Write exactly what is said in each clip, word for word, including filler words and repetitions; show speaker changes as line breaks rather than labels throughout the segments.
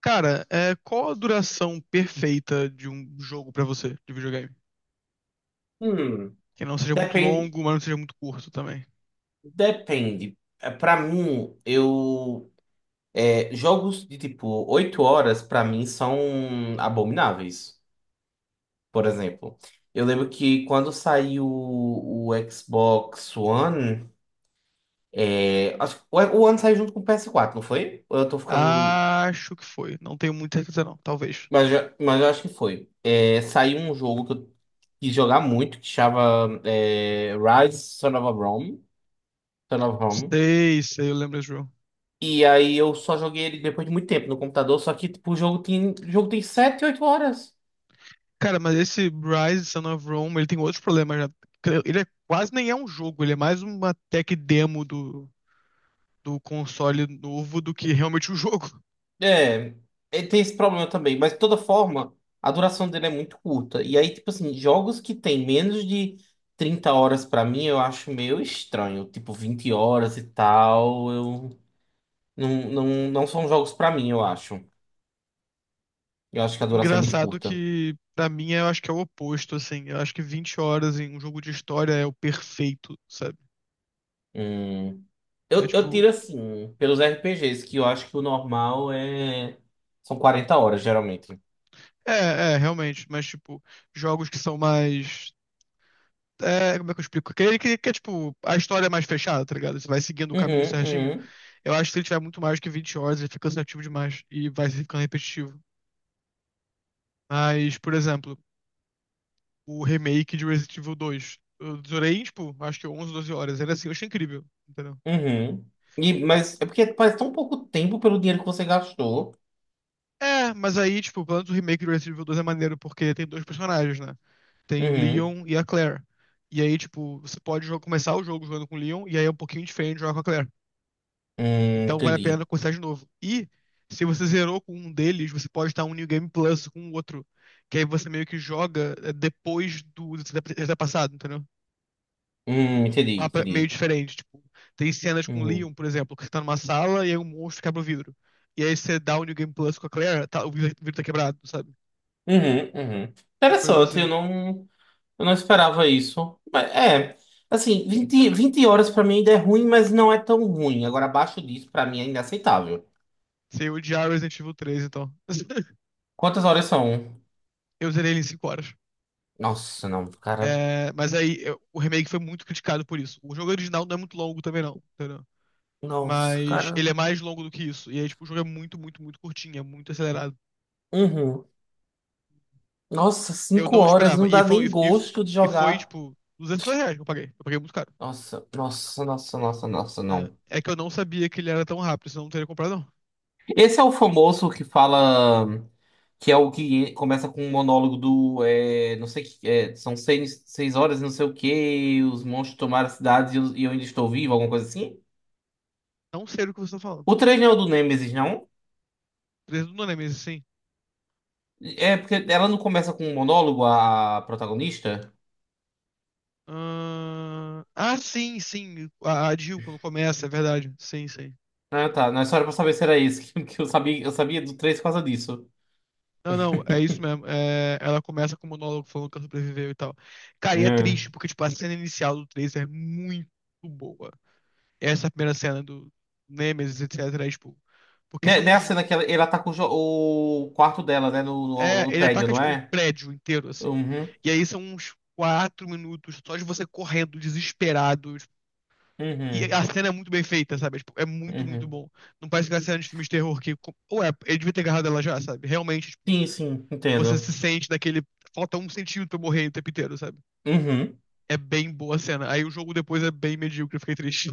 Cara, é, qual a duração perfeita de um jogo pra você, de videogame?
Hum,
Que não seja muito
depende,
longo, mas não seja muito curto também.
depende. Para mim, eu é, jogos de tipo oito horas para mim são abomináveis. Por exemplo, eu lembro que quando saiu o, o Xbox One, é, acho que o, o One saiu junto com o P S quatro, não foi? Ou eu tô ficando,
Acho que foi. Não tenho muita certeza, não. Talvez.
mas eu- mas eu acho que foi. É, saiu um jogo que eu quis jogar muito que chama é, Rise Son of a Rome, Son of Rome.
Sei, sei, eu lembro desse jogo.
E aí eu só joguei ele depois de muito tempo no computador, só que tipo, o jogo tem, o jogo tem sete oito horas.
Cara, mas esse Rise Son of Rome, ele tem outros problemas já. Ele é, quase nem é um jogo, ele é mais uma tech demo do, do console novo do que realmente um jogo.
É, ele tem esse problema também, mas de toda forma, a duração dele é muito curta. E aí, tipo assim, jogos que tem menos de trinta horas pra mim, eu acho meio estranho. Tipo, vinte horas e tal, eu não, não, não são jogos pra mim, eu acho. Eu acho que a duração é muito
Engraçado
curta.
que, pra mim, eu acho que é o oposto, assim. Eu acho que vinte horas em um jogo de história é o perfeito.
Hum,
É
eu, eu
tipo.
tiro assim, pelos R P Gs, que eu acho que o normal é são quarenta horas, geralmente.
É, é, realmente. Mas, tipo, jogos que são mais. É, como é que eu explico? Que, que, que é tipo, a história é mais fechada, tá ligado? Você vai seguindo o caminho
Uhum,
certinho.
uhum,
Eu acho que se ele tiver muito mais que vinte horas, ele fica cansativo demais e vai ficando repetitivo. Mas, por exemplo, o remake de Resident Evil dois, eu durei, tipo, acho que onze, doze horas. Era assim, eu achei incrível, entendeu?
uhum. E, mas é porque faz tão pouco tempo pelo dinheiro que você gastou.
É, mas aí, tipo, pelo menos o remake do Resident Evil dois é maneiro, porque tem dois personagens, né? Tem o
Uhum.
Leon e a Claire. E aí, tipo, você pode jo- começar o jogo jogando com o Leon, e aí é um pouquinho diferente jogar com a Claire.
Hum,
Então vale a
entendi.
pena começar de novo. E se você zerou com um deles, você pode estar um New Game Plus com o outro. Que aí você meio que joga eh, depois do ter passado, entendeu? Um
Hum, entendi,
mapa meio
entendi.
diferente. Tipo, tem cenas com o
Uhum.
Leon, por exemplo, que você tá numa sala e aí um monstro quebra o vidro. E aí você dá o New Game Plus com a Claire, tá- o vidro o vidro tá quebrado, sabe?
Uhum, uhum.
As coisas
Interessante, eu
assim.
não, eu não esperava isso. Mas é, assim, vinte vinte horas pra mim ainda é ruim, mas não é tão ruim. Agora, abaixo disso, pra mim é inaceitável.
Você odiar Resident Evil três então.
Quantas horas são?
Eu zerei ele em cinco horas.
Nossa, não, cara.
É, mas aí eu- o remake foi muito criticado por isso. O jogo original não é muito longo também, não, entendeu?
Nossa,
Mas
cara.
ele é mais longo do que isso. E aí, tipo, o jogo é muito, muito, muito curtinho, é muito acelerado.
Uhum. Nossa,
Eu
cinco
não
horas não
esperava. E
dá
foi,
nem
e, e
gosto de
e foi
jogar.
tipo, duzentos reais que eu paguei. Eu paguei muito caro.
Nossa, nossa, nossa, nossa, nossa, não.
É, é que eu não sabia que ele era tão rápido, senão eu não teria comprado, não.
Esse é o famoso que fala. Que é o que começa com um monólogo do. É, não sei que. É, são seis, seis horas e não sei o quê. Os monstros tomaram a cidade e eu, e eu ainda estou vivo, alguma coisa assim.
Não sei do que você tá falando.
O três não é o do Nemesis, não?
Três do Nemesis, sim.
É porque ela não começa com um monólogo, a protagonista?
Ahn, Ah, sim, sim. A, a Jill, quando começa, é verdade. Sim, sim.
Ah, tá. Não é só era pra saber se era esse. Que, que eu sabia, eu sabia do três por causa disso.
Não, não, é isso mesmo. É, ela começa com o monólogo falando que ela sobreviveu e tal. Cara, e é
É.
triste, porque, tipo, a cena inicial do três é muito boa. Essa primeira cena do Nemesis, etcetera. É, tipo, porque
Né,
são
né a
uns.
cena que ela, ela tá com o, jo- o quarto dela, né? No,
É,
no, no
ele
prédio,
ataca,
não
tipo, o
é?
prédio inteiro, assim.
Uhum.
E aí são uns quatro minutos só de você correndo, desesperado. Tipo, e
Uhum,
a cena é muito bem feita, sabe? É, tipo, é muito, muito
uhum.
bom. Não parece que é cena de filmes de terror que. Ou é, ele devia ter agarrado ela já, sabe? Realmente, tipo,
Sim, sim,
você se
entendo.
sente naquele. Falta um centímetro pra eu morrer o tempo inteiro, sabe?
Uhum.
É bem boa a cena. Aí o jogo depois é bem medíocre, eu fiquei triste.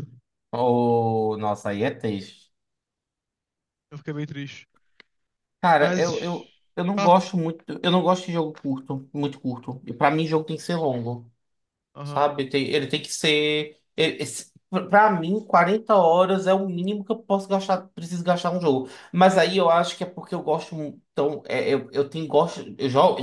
Oh, nossa, aí é triste.
Eu fiquei bem triste.
Cara,
Mas.
eu, eu, eu não
Fala, fala.
gosto muito. Eu não gosto de jogo curto, muito curto. E pra mim, jogo tem que ser longo,
Aham.
sabe? Tem- ele tem que ser. ele- esse- pra mim, quarenta horas é o mínimo que eu posso gastar, preciso gastar um jogo. Mas aí eu acho que é porque eu gosto. mu- Então, é, eu, eu tenho gosto. Eu jogo.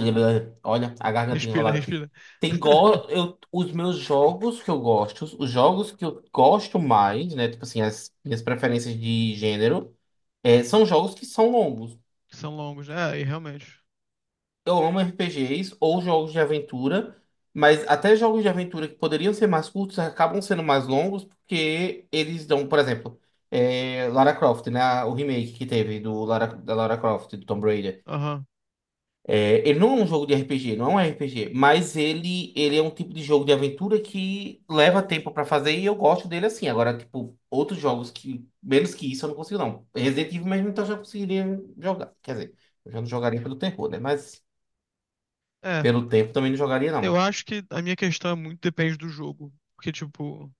Olha, a garganta
Respira,
enrolada.
respira.
Tem go... eu, os meus jogos que eu gosto, os jogos que eu gosto mais, né? Tipo assim, as minhas preferências de gênero, é, são jogos que são longos.
São longos, né? É, e realmente.
Eu amo R P Gs ou jogos de aventura, mas até jogos de aventura que poderiam ser mais curtos acabam sendo mais longos porque eles dão, por exemplo, é, Lara Croft, né? O remake que teve do Lara, da Lara Croft, do Tomb Raider.
Aham.
É, ele não é um jogo de R P G, não é um R P G, mas ele, ele é um tipo de jogo de aventura que leva tempo pra fazer e eu gosto dele assim. Agora, tipo, outros jogos que, menos que isso, eu não consigo, não. Resident Evil mesmo, então eu já conseguiria jogar. Quer dizer, eu já não jogaria pelo terror, né? Mas
É.
pelo tempo também não jogaria,
Eu
não.
acho que a minha questão é muito depende do jogo. Porque, tipo,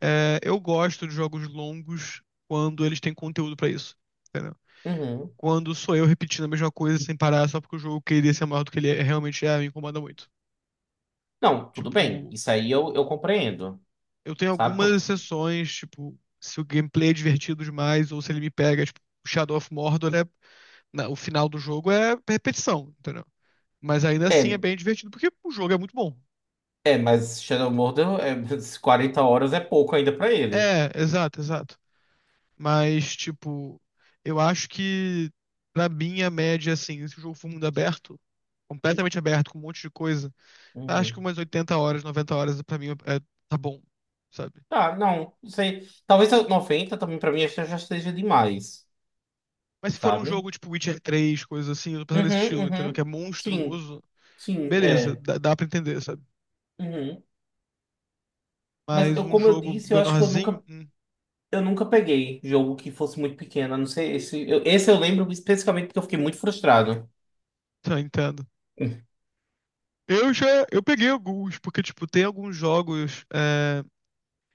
é, eu gosto de jogos longos quando eles têm conteúdo pra isso. Entendeu?
Uhum.
Quando sou eu repetindo a mesma coisa sem parar só porque o jogo queria ser maior do que ele é- realmente é, me incomoda muito.
Não, tudo bem.
Tipo,
Isso aí eu, eu compreendo,
eu tenho
sabe?
algumas
Por-
exceções, tipo, se o gameplay é divertido demais ou se ele me pega, tipo, Shadow of Mordor é na- o final do jogo é repetição, entendeu? Mas ainda assim é
É,
bem divertido porque o jogo é muito bom.
é, mas Shadow Mordor, é, quarenta horas é pouco ainda pra ele.
É, exato, exato. Mas tipo, eu acho que pra mim a média assim, se o jogo for mundo aberto, completamente aberto com um monte de coisa, acho que
Uhum.
umas oitenta horas, noventa horas pra mim é, tá bom, sabe?
Ah, não, não sei. Talvez eu- noventa também pra mim acho que já esteja demais,
Mas se for um
sabe?
jogo tipo Witcher três coisa assim, eu tô pensando nesse
Uhum,
estilo, entendeu? Que é
uhum. Sim,
monstruoso.
sim,
Beleza,
é.
dá, dá pra entender, sabe?
Uhum. Mas
Mas
eu,
um
como eu
jogo
disse, eu acho que eu
menorzinho,
nunca,
hum,
eu nunca peguei jogo que fosse muito pequeno. A Não sei, esse eu, esse eu lembro especificamente porque eu fiquei muito frustrado.
tá, entendo. Eu já, eu peguei alguns, porque, tipo, tem alguns jogos é,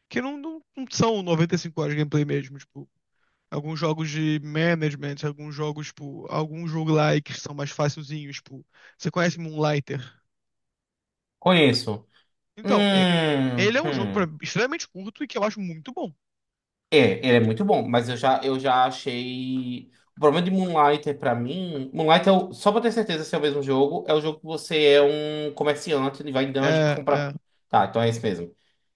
que não, não, não são noventa e cinco horas de gameplay mesmo, tipo, alguns jogos de management, alguns jogos, tipo, alguns jogo lá que são mais facilzinhos, tipo, você conhece Moonlighter?
Conheço.
Então, é-
Hum,
ele é um jogo pra-
hum.
extremamente curto e que eu acho muito bom.
É, ele é muito bom, mas eu já, eu já achei. O problema de Moonlighter pra mim. Moonlighter, é o- só pra ter certeza se é o mesmo jogo, é o jogo que você é um comerciante, ele vai em dungeon pra
É, é,
comprar. Tá, então é esse mesmo.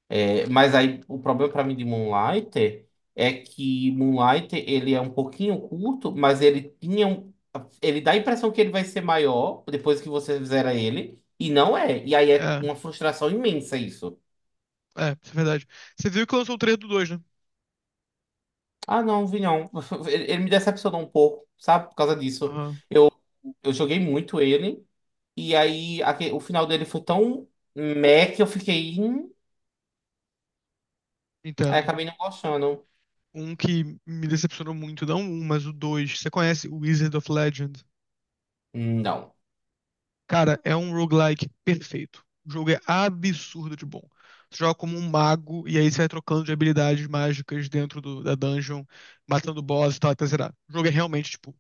É, mas aí o problema pra mim de Moonlighter é que Moonlighter ele é um pouquinho curto, mas ele tinha um. Ele dá a impressão que ele vai ser maior depois que você zera ele, e não é. E aí é
é,
uma frustração imensa isso.
é, isso é verdade. Você viu que lançou o trailer do dois, né?
Ah, não, vi não. Ele, ele me decepcionou um pouco, sabe? Por causa disso.
Aham,
Eu, eu joguei muito ele, e aí aque- o final dele foi tão meh que eu fiquei. "Hum", Aí
entendo.
acabei não gostando.
Um que me decepcionou muito, não um, mas o dois. Você conhece o Wizard of Legend?
Não.
Cara, é um roguelike perfeito. O jogo é absurdo de bom. Você joga como um mago e aí você vai trocando de habilidades mágicas dentro do- da dungeon, matando boss e tal, até zerar. O jogo é realmente, tipo,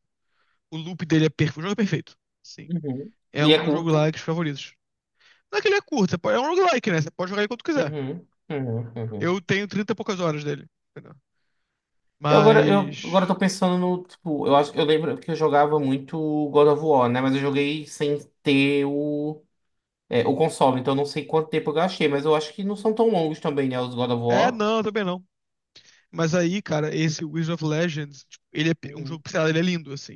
o loop dele é perfeito. O jogo é perfeito. Sim.
Uhum.
É um
Ele
dos
é
meus
curto.
roguelikes favoritos. Não é que ele é curto, você pode- é um roguelike, né? Você pode jogar aí quanto quiser.
Uhum. Uhum.
Eu
Uhum.
tenho trinta e poucas horas dele. Entendeu?
Eu agora, eu agora
Mas.
tô pensando no, tipo, eu acho, eu lembro que eu jogava muito God of War, né? Mas eu joguei sem ter o, é, o console, então eu não sei quanto tempo eu gastei, mas eu acho que não são tão longos também, né? Os God of
É,
War.
não, também não. Mas aí, cara, esse Wizard of Legends, tipo, ele é pe- um
Uhum.
jogo pixelado, ele é lindo, assim.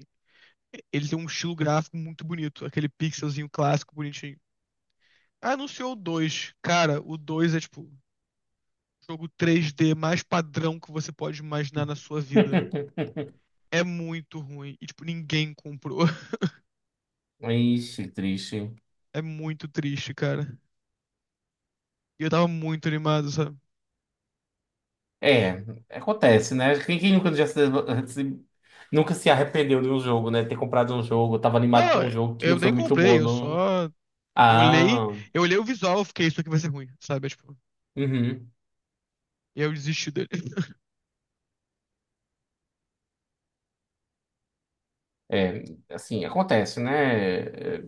Ele tem um estilo gráfico muito bonito, aquele pixelzinho clássico, bonitinho. Anunciou o dois. Cara, o dois é tipo o jogo três D mais padrão que você pode imaginar na sua vida. É muito ruim. E, tipo, ninguém comprou.
Ixi, triste.
É muito triste, cara. E eu tava muito animado, sabe?
É, acontece, né? Quem, quem nunca, já se, se- nunca se arrependeu de um jogo, né? Ter comprado um jogo, tava animado pra
Não,
um jogo que
eu
não foi
nem
muito
comprei,
bom.
eu
Não...
só olhei,
Ah,
eu olhei o visual, eu fiquei, isso aqui vai ser ruim, sabe? É, tipo,
uhum.
e eu desisti dele.
É, assim, acontece, né? É,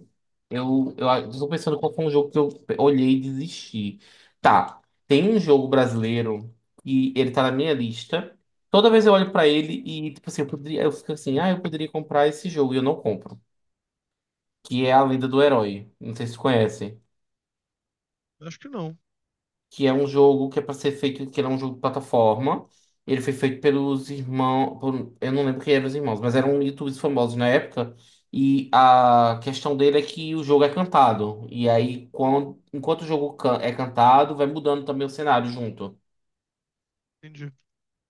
Eu, eu, eu tô pensando qual foi um jogo que eu olhei e desisti. Tá, tem um jogo brasileiro e ele tá na minha lista. Toda vez eu olho pra ele e, tipo assim, eu poderia, eu fico assim, ah, eu poderia comprar esse jogo e eu não compro. Que é A Lenda do Herói. Não sei se conhece.
Acho que não.
Que é um jogo que é para ser feito, que ele é um jogo de plataforma. Ele foi feito pelos irmãos, por- eu não lembro quem eram os irmãos, mas eram YouTubers famosos na época. E a questão dele é que o jogo é cantado. E aí, quando, enquanto o jogo can- é cantado, vai mudando também o cenário junto.
Entendi.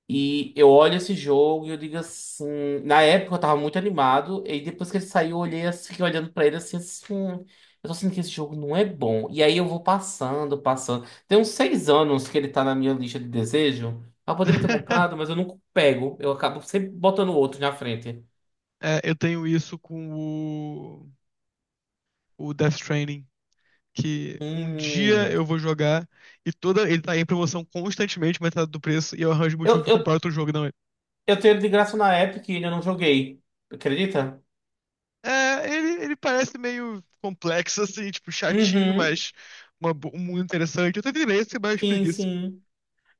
E eu olho esse jogo e eu digo assim. Na época eu tava muito animado, e depois que ele saiu, eu olhei assim, fiquei olhando pra ele assim, assim. "Hum, Eu tô sentindo que esse jogo não é bom. E aí eu vou passando, passando. Tem uns seis anos que ele tá na minha lista de desejo. Eu poderia ter comprado, mas eu nunca pego. Eu acabo sempre botando outro na frente.
É, eu tenho isso com o, o Death Stranding, que um dia
Hum.
eu vou jogar e toda ele tá em promoção constantemente, metade do preço, e eu arranjo motivo
Eu,
pra
eu,
comprar outro jogo, não. É,
eu tenho ele de graça na Epic e eu não joguei. Acredita?
é, ele, ele parece meio complexo, assim, tipo, chatinho,
Uhum.
mas uma bo- muito interessante. Eu tenho interesse, mas
Sim,
preguiça.
sim.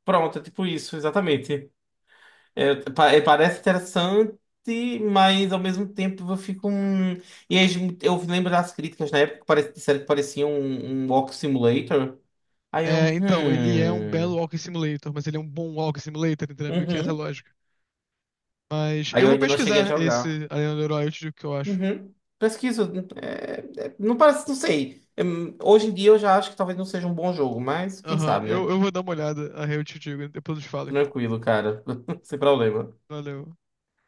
Pronto, é tipo isso, exatamente. É, pa- é, parece interessante, mas ao mesmo tempo eu fico um. E aí, eu lembro das críticas na época que pare... disseram que parecia um, um Walk Simulator. Aí eu.
É, então, ele é um belo
Hum.
Walking Simulator, mas ele é um bom Walking Simulator, entendeu? Meio que essa é a
Uhum.
lógica. Mas
Aí
eu
eu
vou
ainda não cheguei a
pesquisar
jogar.
esse Arena do Herói, eu te que eu acho.
Uhum. Pesquisa. é- é- não parece, não sei. É, hoje em dia eu já acho que talvez não seja um bom jogo, mas quem
Aham,
sabe,
eu,
né?
eu vou dar uma olhada, aí eu te digo, depois eu te falo, irmão.
Tranquilo, cara. Sem problema.
Valeu.